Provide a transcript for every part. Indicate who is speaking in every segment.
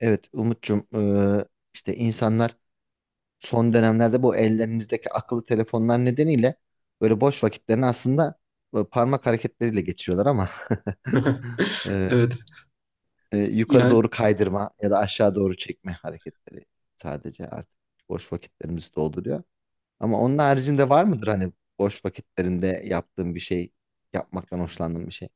Speaker 1: Evet Umut'cum işte insanlar son dönemlerde bu ellerimizdeki akıllı telefonlar nedeniyle böyle boş vakitlerini aslında böyle parmak hareketleriyle geçiriyorlar ama eee,
Speaker 2: Evet.
Speaker 1: yukarı
Speaker 2: Yani
Speaker 1: doğru kaydırma ya da aşağı doğru çekme hareketleri sadece artık boş vakitlerimizi dolduruyor. Ama onun haricinde var mıdır hani boş vakitlerinde yaptığın bir şey, yapmaktan hoşlandığın bir şey?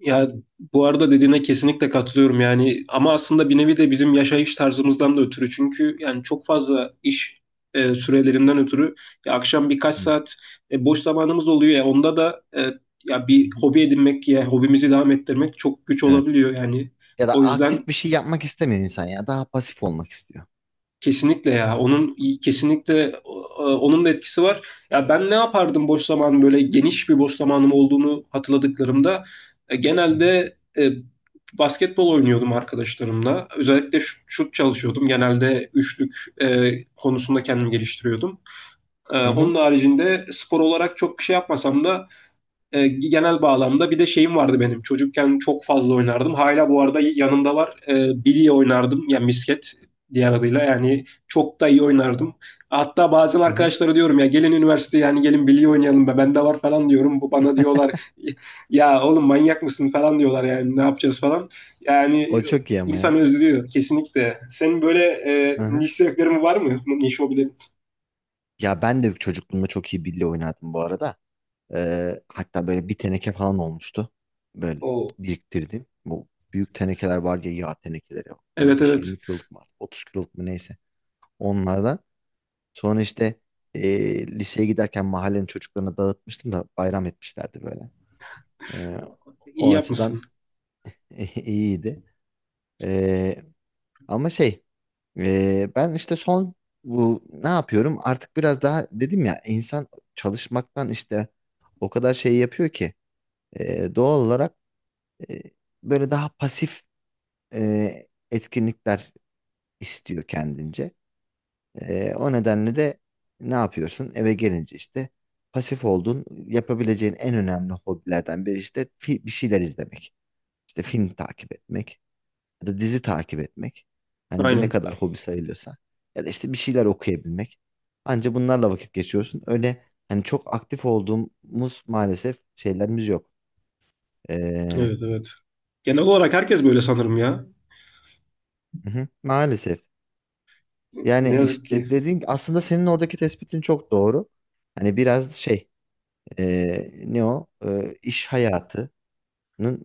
Speaker 2: ya bu arada dediğine kesinlikle katılıyorum yani, ama aslında bir nevi de bizim yaşayış tarzımızdan da ötürü, çünkü yani çok fazla iş sürelerinden ötürü ya akşam birkaç
Speaker 1: Hı.
Speaker 2: saat boş zamanımız oluyor, ya onda da ya
Speaker 1: Hı
Speaker 2: bir
Speaker 1: hı.
Speaker 2: hobi edinmek ya hobimizi devam ettirmek çok güç
Speaker 1: Evet.
Speaker 2: olabiliyor yani.
Speaker 1: Ya da
Speaker 2: O
Speaker 1: aktif
Speaker 2: yüzden
Speaker 1: bir şey yapmak istemiyor insan ya daha pasif olmak istiyor.
Speaker 2: kesinlikle ya. Kesinlikle e, onun da etkisi var. Ya ben ne yapardım boş zaman, böyle geniş bir boş zamanım olduğunu hatırladıklarımda e,
Speaker 1: Hı hı.
Speaker 2: genelde e, basketbol oynuyordum arkadaşlarımla. Özellikle şut çalışıyordum. Genelde üçlük konusunda kendimi geliştiriyordum.
Speaker 1: Hı hı.
Speaker 2: Onun haricinde spor olarak çok bir şey yapmasam da genel bağlamda bir de şeyim vardı benim. Çocukken çok fazla oynardım. Hala bu arada yanımda var. Bilye oynardım. Yani misket diğer adıyla. Yani çok da iyi oynardım. Hatta bazen
Speaker 1: Hı hı.
Speaker 2: arkadaşlara diyorum, ya gelin üniversiteye, yani gelin bilye oynayalım, be bende var falan diyorum. Bu bana diyorlar, ya oğlum manyak mısın falan diyorlar, yani ne yapacağız falan. Yani
Speaker 1: O çok iyi ama
Speaker 2: insan
Speaker 1: ya.
Speaker 2: özlüyor kesinlikle. Senin böyle
Speaker 1: Aha.
Speaker 2: niş zevklerin var mı? Niş hobilerin?
Speaker 1: Ya ben de çocukluğumda çok iyi bilye oynardım bu arada. Hatta böyle bir teneke falan olmuştu. Böyle
Speaker 2: Oo.
Speaker 1: biriktirdim. Bu büyük tenekeler var ya yağ tenekeleri.
Speaker 2: Evet, evet.
Speaker 1: 15-20 kiloluk mu artık, 30 kiloluk mu neyse. Onlardan. Sonra işte liseye giderken mahallenin çocuklarına dağıtmıştım da bayram etmişlerdi böyle. Ee,
Speaker 2: İyi
Speaker 1: o açıdan
Speaker 2: yapmışsın.
Speaker 1: iyiydi. Ee, ama şey, ben işte son bu ne yapıyorum? Artık biraz daha dedim ya insan çalışmaktan işte o kadar şey yapıyor ki doğal olarak e, böyle daha pasif etkinlikler istiyor kendince. O nedenle de ne yapıyorsun? Eve gelince işte pasif olduğun yapabileceğin en önemli hobilerden biri işte bir şeyler izlemek. İşte film takip etmek ya da dizi takip etmek. Hani bu ne
Speaker 2: Aynen.
Speaker 1: kadar hobi sayılıyorsa. Ya da işte bir şeyler okuyabilmek. Anca bunlarla vakit geçiyorsun. Öyle hani çok aktif olduğumuz maalesef şeylerimiz yok. Ee,
Speaker 2: Evet, evet. Genel olarak herkes böyle sanırım ya.
Speaker 1: hı hı, maalesef.
Speaker 2: Ne
Speaker 1: Yani
Speaker 2: yazık ki
Speaker 1: işte dediğin aslında senin oradaki tespitin çok doğru. Hani biraz şey ne o iş hayatının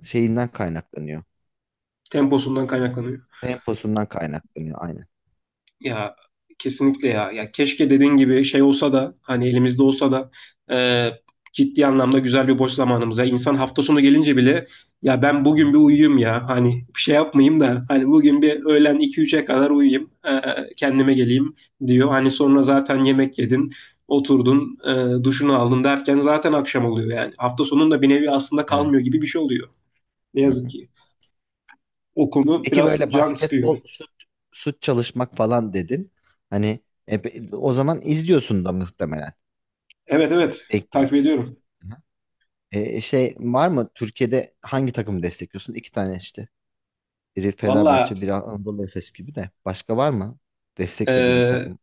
Speaker 1: şeyinden kaynaklanıyor.
Speaker 2: temposundan kaynaklanıyor.
Speaker 1: Temposundan kaynaklanıyor aynen.
Speaker 2: Ya kesinlikle ya. Ya keşke dediğin gibi şey olsa da, hani elimizde olsa da e, ciddi anlamda güzel bir boş zamanımız. Ya insan hafta sonu gelince bile ya ben
Speaker 1: Hı
Speaker 2: bugün
Speaker 1: hı.
Speaker 2: bir uyuyayım ya. Hani bir şey yapmayayım da hani bugün bir öğlen iki üçe kadar uyuyayım, kendime geleyim diyor. Hani sonra zaten yemek yedin, oturdun, duşunu aldın derken zaten akşam oluyor yani. Hafta sonunda bir nevi aslında
Speaker 1: Evet.
Speaker 2: kalmıyor gibi bir şey oluyor. Ne
Speaker 1: Hı
Speaker 2: yazık
Speaker 1: hı.
Speaker 2: ki. O konu
Speaker 1: Peki
Speaker 2: biraz
Speaker 1: böyle
Speaker 2: can sıkıyor.
Speaker 1: basketbol şut çalışmak falan dedin. Hani o zaman izliyorsun da muhtemelen
Speaker 2: Evet, evet,
Speaker 1: denk
Speaker 2: takip
Speaker 1: geldiğinde.
Speaker 2: ediyorum.
Speaker 1: Hı hı. Şey var mı Türkiye'de hangi takımı destekliyorsun? İki tane işte. Biri
Speaker 2: Valla,
Speaker 1: Fenerbahçe, biri Anadolu Efes gibi de. Başka var mı? Desteklediğin bir
Speaker 2: e,
Speaker 1: takım.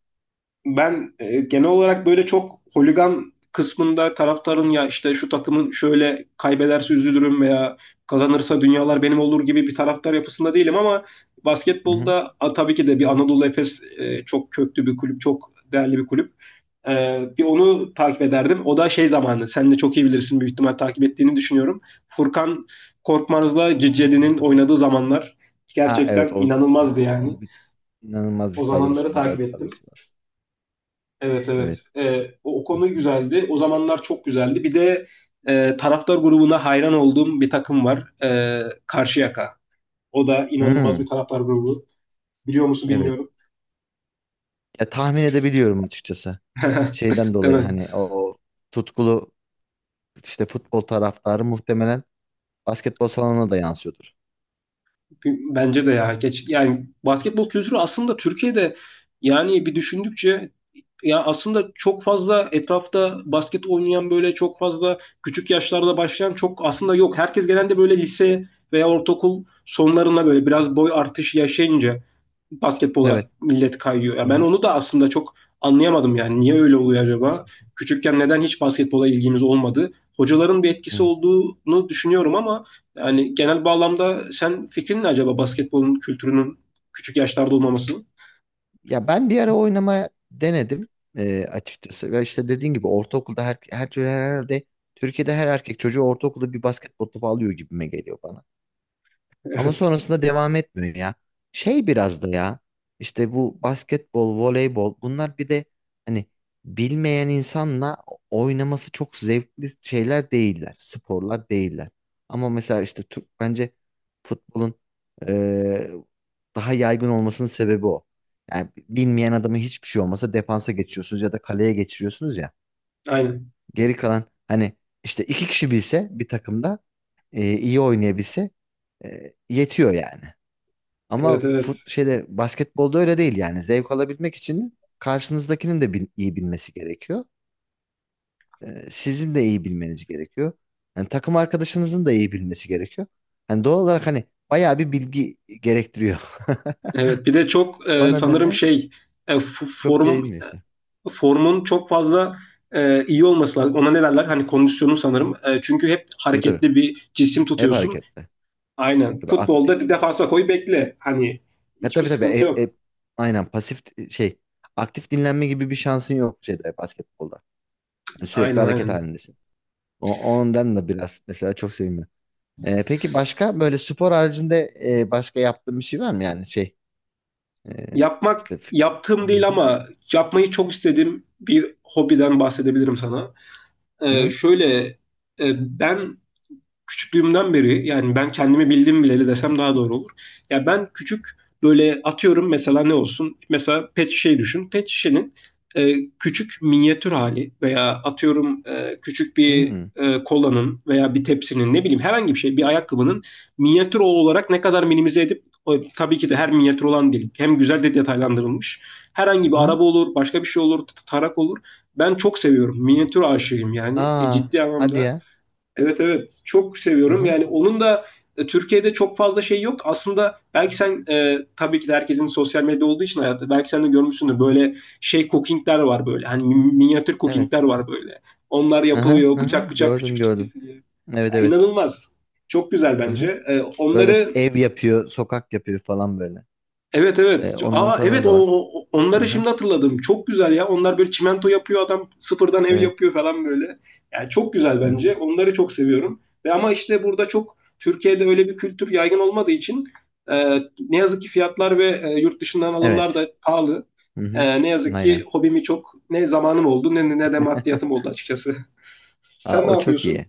Speaker 2: ben genel olarak böyle çok holigan kısmında taraftarın, ya işte şu takımın şöyle kaybederse üzülürüm veya kazanırsa dünyalar benim olur gibi bir taraftar yapısında değilim, ama
Speaker 1: Hı hı.
Speaker 2: basketbolda a, tabii ki de bir Anadolu Efes çok köklü bir kulüp, çok değerli bir kulüp. Bir onu takip ederdim. O da şey zamanı. Sen de çok iyi bilirsin, büyük ihtimal takip ettiğini düşünüyorum. Furkan Korkmaz'la Cicedi'nin oynadığı zamanlar
Speaker 1: Ha
Speaker 2: gerçekten
Speaker 1: evet o zaman
Speaker 2: inanılmazdı yani.
Speaker 1: iyi bir İnanılmaz bir
Speaker 2: O zamanları
Speaker 1: kadrosu, güzel
Speaker 2: takip
Speaker 1: bir
Speaker 2: ettim.
Speaker 1: kadrosu var.
Speaker 2: Evet,
Speaker 1: Evet.
Speaker 2: evet. O, o konu güzeldi. O zamanlar çok güzeldi. Bir de taraftar grubuna hayran olduğum bir takım var. Karşıyaka. O da inanılmaz bir
Speaker 1: Hmm,
Speaker 2: taraftar grubu. Biliyor musun
Speaker 1: evet.
Speaker 2: bilmiyorum.
Speaker 1: Ya tahmin edebiliyorum açıkçası. Şeyden
Speaker 2: Değil
Speaker 1: dolayı
Speaker 2: mi?
Speaker 1: hani o tutkulu işte futbol taraftarı muhtemelen basketbol salonuna da yansıyordur.
Speaker 2: Bence de ya. Geç, yani basketbol kültürü aslında Türkiye'de, yani bir düşündükçe, ya aslında çok fazla etrafta basket oynayan, böyle çok fazla küçük yaşlarda başlayan çok aslında yok. Herkes genelde böyle lise veya ortaokul sonlarına böyle biraz boy artışı yaşayınca basketbola
Speaker 1: Evet.
Speaker 2: millet kayıyor. Ya
Speaker 1: Hı
Speaker 2: ben
Speaker 1: hı.
Speaker 2: onu da aslında çok anlayamadım yani. Niye öyle oluyor acaba? Küçükken neden hiç basketbola ilgimiz olmadı? Hocaların bir etkisi
Speaker 1: Hı.
Speaker 2: olduğunu düşünüyorum ama yani genel bağlamda sen fikrin ne acaba basketbolun kültürünün küçük yaşlarda olmamasının?
Speaker 1: Ya ben bir ara oynamaya denedim açıkçası. Ve işte dediğin gibi ortaokulda herhalde Türkiye'de her erkek çocuğu ortaokulda bir basketbol topu alıyor gibime geliyor bana. Ama
Speaker 2: Evet.
Speaker 1: sonrasında devam etmiyor ya. Şey biraz da ya işte bu basketbol, voleybol bunlar bir de hani bilmeyen insanla oynaması çok zevkli şeyler değiller. Sporlar değiller. Ama mesela işte Türk bence futbolun eee, daha yaygın olmasının sebebi o. Yani bilmeyen adamı hiçbir şey olmasa defansa geçiyorsunuz ya da kaleye geçiriyorsunuz ya.
Speaker 2: Aynen.
Speaker 1: Geri kalan hani işte iki kişi bilse bir takımda iyi oynayabilse yetiyor yani.
Speaker 2: Evet,
Speaker 1: Ama
Speaker 2: evet.
Speaker 1: fut, şeyde basketbolda öyle değil yani. Zevk alabilmek için karşınızdakinin de iyi bilmesi gerekiyor. Sizin de iyi bilmeniz gerekiyor. Yani takım arkadaşınızın da iyi bilmesi gerekiyor. Yani doğal olarak hani bayağı bir bilgi gerektiriyor.
Speaker 2: Evet, bir de çok
Speaker 1: O
Speaker 2: e, sanırım
Speaker 1: nedenle
Speaker 2: şey e, f-
Speaker 1: çok
Speaker 2: form
Speaker 1: yayılmıyor işte.
Speaker 2: formun çok fazla iyi olması lazım. Ona ne derler? Hani kondisyonu sanırım. Çünkü hep
Speaker 1: Tabii tabii.
Speaker 2: hareketli bir cisim
Speaker 1: Hep
Speaker 2: tutuyorsun.
Speaker 1: hareketli.
Speaker 2: Aynen.
Speaker 1: Tabii
Speaker 2: Futbolda bir
Speaker 1: aktif.
Speaker 2: defansa koy bekle. Hani
Speaker 1: Ya
Speaker 2: hiçbir
Speaker 1: tabii tabii.
Speaker 2: sıkıntı yok.
Speaker 1: Aynen pasif şey. Aktif dinlenme gibi bir şansın yok şeyde basketbolda. Yani
Speaker 2: Aynen,
Speaker 1: sürekli hareket
Speaker 2: aynen.
Speaker 1: halindesin. Ondan da biraz mesela çok sevinmiyorum. Peki başka böyle spor haricinde başka yaptığın bir şey var mı yani şey e,
Speaker 2: Yapmak
Speaker 1: işte f-
Speaker 2: yaptığım
Speaker 1: Hı
Speaker 2: değil
Speaker 1: hı,
Speaker 2: ama yapmayı çok istediğim bir hobiden bahsedebilirim sana.
Speaker 1: hı
Speaker 2: E,
Speaker 1: hı,
Speaker 2: şöyle Ben küçüklüğümden beri, yani ben kendimi bildim bileli desem daha doğru olur. Ya ben küçük, böyle atıyorum, mesela ne olsun? Mesela pet şişeyi düşün. Pet şişenin küçük minyatür hali, veya atıyorum e, küçük bir
Speaker 1: hı
Speaker 2: e, kolanın veya bir tepsinin, ne bileyim herhangi bir şey,
Speaker 1: hı,
Speaker 2: bir ayakkabının minyatür o olarak ne kadar minimize edip o, tabii ki de her minyatür olan değil. Hem güzel de detaylandırılmış. Herhangi bir
Speaker 1: hı.
Speaker 2: araba olur, başka bir şey olur, tarak olur. Ben çok seviyorum. Minyatür aşığıyım yani.
Speaker 1: Aa
Speaker 2: Ciddi
Speaker 1: hadi
Speaker 2: anlamda,
Speaker 1: ya.
Speaker 2: evet evet, çok
Speaker 1: Hı
Speaker 2: seviyorum.
Speaker 1: hı,
Speaker 2: Yani onun da Türkiye'de çok fazla şey yok. Aslında belki sen tabii ki de herkesin sosyal medya olduğu için hayatta belki sen de görmüşsündür, böyle şey cookingler var böyle. Hani minyatür
Speaker 1: evet.
Speaker 2: cookingler var böyle. Onlar
Speaker 1: Hı hı,
Speaker 2: yapılıyor,
Speaker 1: hı hı.
Speaker 2: bıçak bıçak küçük
Speaker 1: Gördüm
Speaker 2: küçük
Speaker 1: gördüm,
Speaker 2: kesiliyor.
Speaker 1: evet
Speaker 2: Ya,
Speaker 1: evet.
Speaker 2: inanılmaz. Çok güzel
Speaker 1: Hı hı.
Speaker 2: bence.
Speaker 1: Böyle
Speaker 2: Onları,
Speaker 1: ev yapıyor sokak yapıyor falan böyle.
Speaker 2: evet evet.
Speaker 1: Onların
Speaker 2: Aa
Speaker 1: falan
Speaker 2: evet, o,
Speaker 1: da var. Hı
Speaker 2: onları
Speaker 1: hı,
Speaker 2: şimdi hatırladım. Çok güzel ya. Onlar böyle çimento yapıyor, adam sıfırdan ev
Speaker 1: evet.
Speaker 2: yapıyor falan böyle. Yani çok güzel
Speaker 1: Hı hı,
Speaker 2: bence. Onları çok seviyorum. Ve ama işte burada çok Türkiye'de öyle bir kültür yaygın olmadığı için ne yazık ki fiyatlar ve yurt dışından alımlar
Speaker 1: evet.
Speaker 2: da pahalı.
Speaker 1: Hı hı,
Speaker 2: Ne yazık
Speaker 1: aynen.
Speaker 2: ki hobimi çok ne zamanım oldu ne de maddiyatım oldu açıkçası.
Speaker 1: Aa,
Speaker 2: Sen ne
Speaker 1: o çok
Speaker 2: yapıyorsun?
Speaker 1: iyi.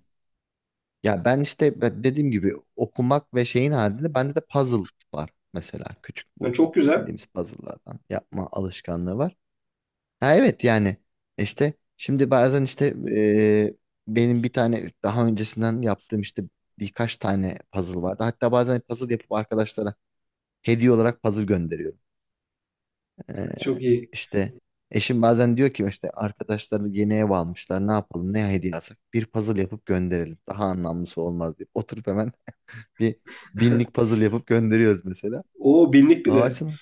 Speaker 1: Ya ben işte ben dediğim gibi okumak ve şeyin halinde bende de puzzle var mesela. Küçük
Speaker 2: Yani
Speaker 1: bu
Speaker 2: çok güzel.
Speaker 1: bildiğimiz puzzle'lardan yapma alışkanlığı var. Ha evet yani işte şimdi bazen işte e, benim bir tane daha öncesinden yaptığım işte birkaç tane puzzle vardı. Hatta bazen puzzle yapıp arkadaşlara hediye olarak puzzle gönderiyorum. E,
Speaker 2: Çok iyi.
Speaker 1: işte eşim bazen diyor ki işte arkadaşları yeni ev almışlar ne yapalım ne hediye alsak bir puzzle yapıp gönderelim. Daha anlamlısı olmaz diye oturup hemen bir binlik puzzle yapıp gönderiyoruz mesela.
Speaker 2: O binlik bir
Speaker 1: Aa
Speaker 2: de.
Speaker 1: açın.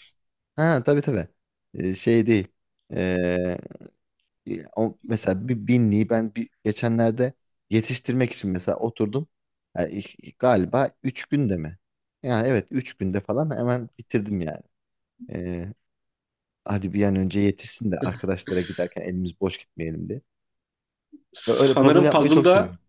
Speaker 1: Ha tabii tabii. Şey değil. Ee, mesela bir binliği ben bir, geçenlerde yetiştirmek için mesela oturdum. Yani galiba 3 günde mi? Yani evet 3 günde falan hemen bitirdim yani. Ee, hadi bir an önce yetişsin de arkadaşlara giderken elimiz boş gitmeyelim diye. Böyle puzzle
Speaker 2: Sanırım
Speaker 1: yapmayı çok seviyorum.
Speaker 2: puzzle'da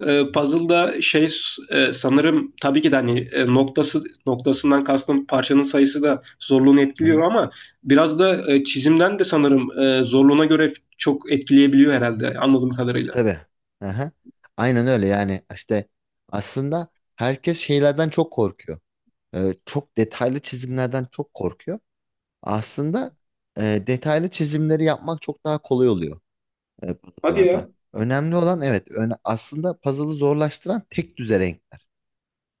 Speaker 2: E,
Speaker 1: Hı
Speaker 2: puzzle'da şey e, Sanırım tabii ki de hani noktası noktasından kastım parçanın sayısı da zorluğunu etkiliyor,
Speaker 1: hı.
Speaker 2: ama biraz da çizimden de sanırım zorluğuna göre çok etkileyebiliyor herhalde, anladığım
Speaker 1: Tabii
Speaker 2: kadarıyla.
Speaker 1: tabii. Aha. Aynen öyle yani işte aslında herkes şeylerden çok korkuyor. Çok detaylı çizimlerden çok korkuyor. Aslında detaylı çizimleri yapmak çok daha kolay oluyor
Speaker 2: Hadi
Speaker 1: puzzle'larda.
Speaker 2: ya.
Speaker 1: Önemli olan evet aslında puzzle'ı zorlaştıran tek düze renkler.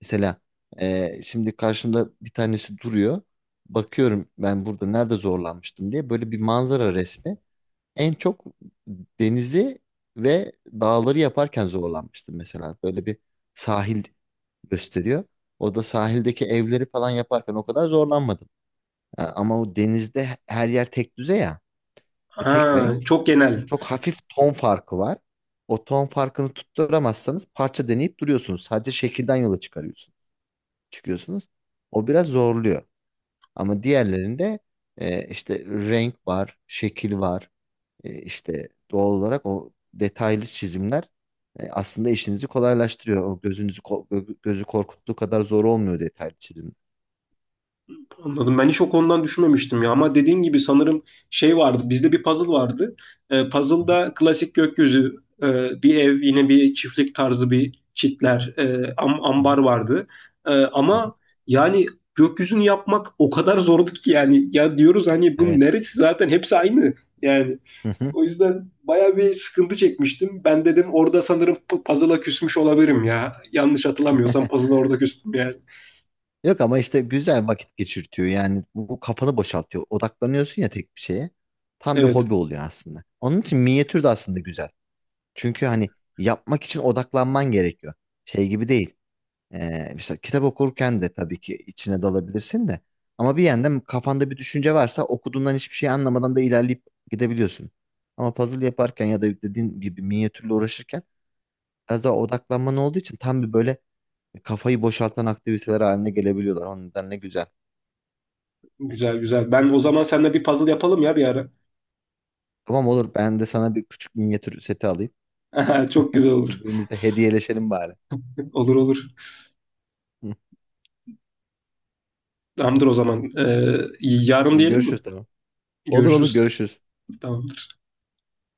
Speaker 1: Mesela şimdi karşımda bir tanesi duruyor. Bakıyorum ben burada nerede zorlanmıştım diye böyle bir manzara resmi en çok denizi ve dağları yaparken zorlanmıştım mesela. Böyle bir sahil gösteriyor. O da sahildeki evleri falan yaparken o kadar zorlanmadım. Ha, ama o denizde her yer tek düze ya, tek
Speaker 2: Ha,
Speaker 1: renk.
Speaker 2: çok genel.
Speaker 1: Çok hafif ton farkı var. O ton farkını tutturamazsanız parça deneyip duruyorsunuz. Sadece şekilden yola çıkarıyorsunuz. Çıkıyorsunuz. O biraz zorluyor. Ama diğerlerinde işte renk var, şekil var. İşte doğal olarak o detaylı çizimler aslında işinizi kolaylaştırıyor. O gözü korkuttuğu kadar zor olmuyor detaylı çizim.
Speaker 2: Anladım. Ben hiç o konudan düşünmemiştim ya. Ama dediğin gibi sanırım şey vardı. Bizde bir puzzle vardı.
Speaker 1: Hı hı,
Speaker 2: Puzzle'da klasik gökyüzü, bir ev, yine bir çiftlik tarzı bir çitler,
Speaker 1: hı
Speaker 2: ambar
Speaker 1: hı,
Speaker 2: vardı.
Speaker 1: hı hı.
Speaker 2: Ama yani gökyüzünü yapmak o kadar zordu ki yani. Ya diyoruz hani bunun
Speaker 1: Evet.
Speaker 2: neresi, zaten hepsi aynı. Yani
Speaker 1: Hı hı.
Speaker 2: o yüzden baya bir sıkıntı çekmiştim. Ben dedim orada sanırım puzzle'a küsmüş olabilirim ya. Yanlış hatırlamıyorsam puzzle'a orada küstüm yani.
Speaker 1: Yok ama işte güzel vakit geçirtiyor. Yani bu kafanı boşaltıyor. Odaklanıyorsun ya tek bir şeye. Tam bir
Speaker 2: Evet.
Speaker 1: hobi oluyor aslında. Onun için minyatür de aslında güzel. Çünkü hani yapmak için odaklanman gerekiyor. Şey gibi değil. İşte kitap okurken de tabii ki içine dalabilirsin de. Ama bir yandan kafanda bir düşünce varsa okuduğundan hiçbir şey anlamadan da ilerleyip gidebiliyorsun. Ama puzzle yaparken ya da dediğin gibi minyatürle uğraşırken biraz daha odaklanman olduğu için tam bir böyle kafayı boşaltan aktiviteler haline gelebiliyorlar. O yüzden ne güzel.
Speaker 2: Güzel, güzel. Ben o zaman seninle bir puzzle yapalım ya bir ara.
Speaker 1: Tamam olur ben de sana bir küçük minyatür seti alayım.
Speaker 2: Çok güzel olur.
Speaker 1: Birbirimizle hediyeleşelim bari.
Speaker 2: Olur, olur. Tamamdır o zaman. Yarın diyelim mi?
Speaker 1: Görüşürüz tamam. Olur olur
Speaker 2: Görüşürüz.
Speaker 1: görüşürüz.
Speaker 2: Tamam.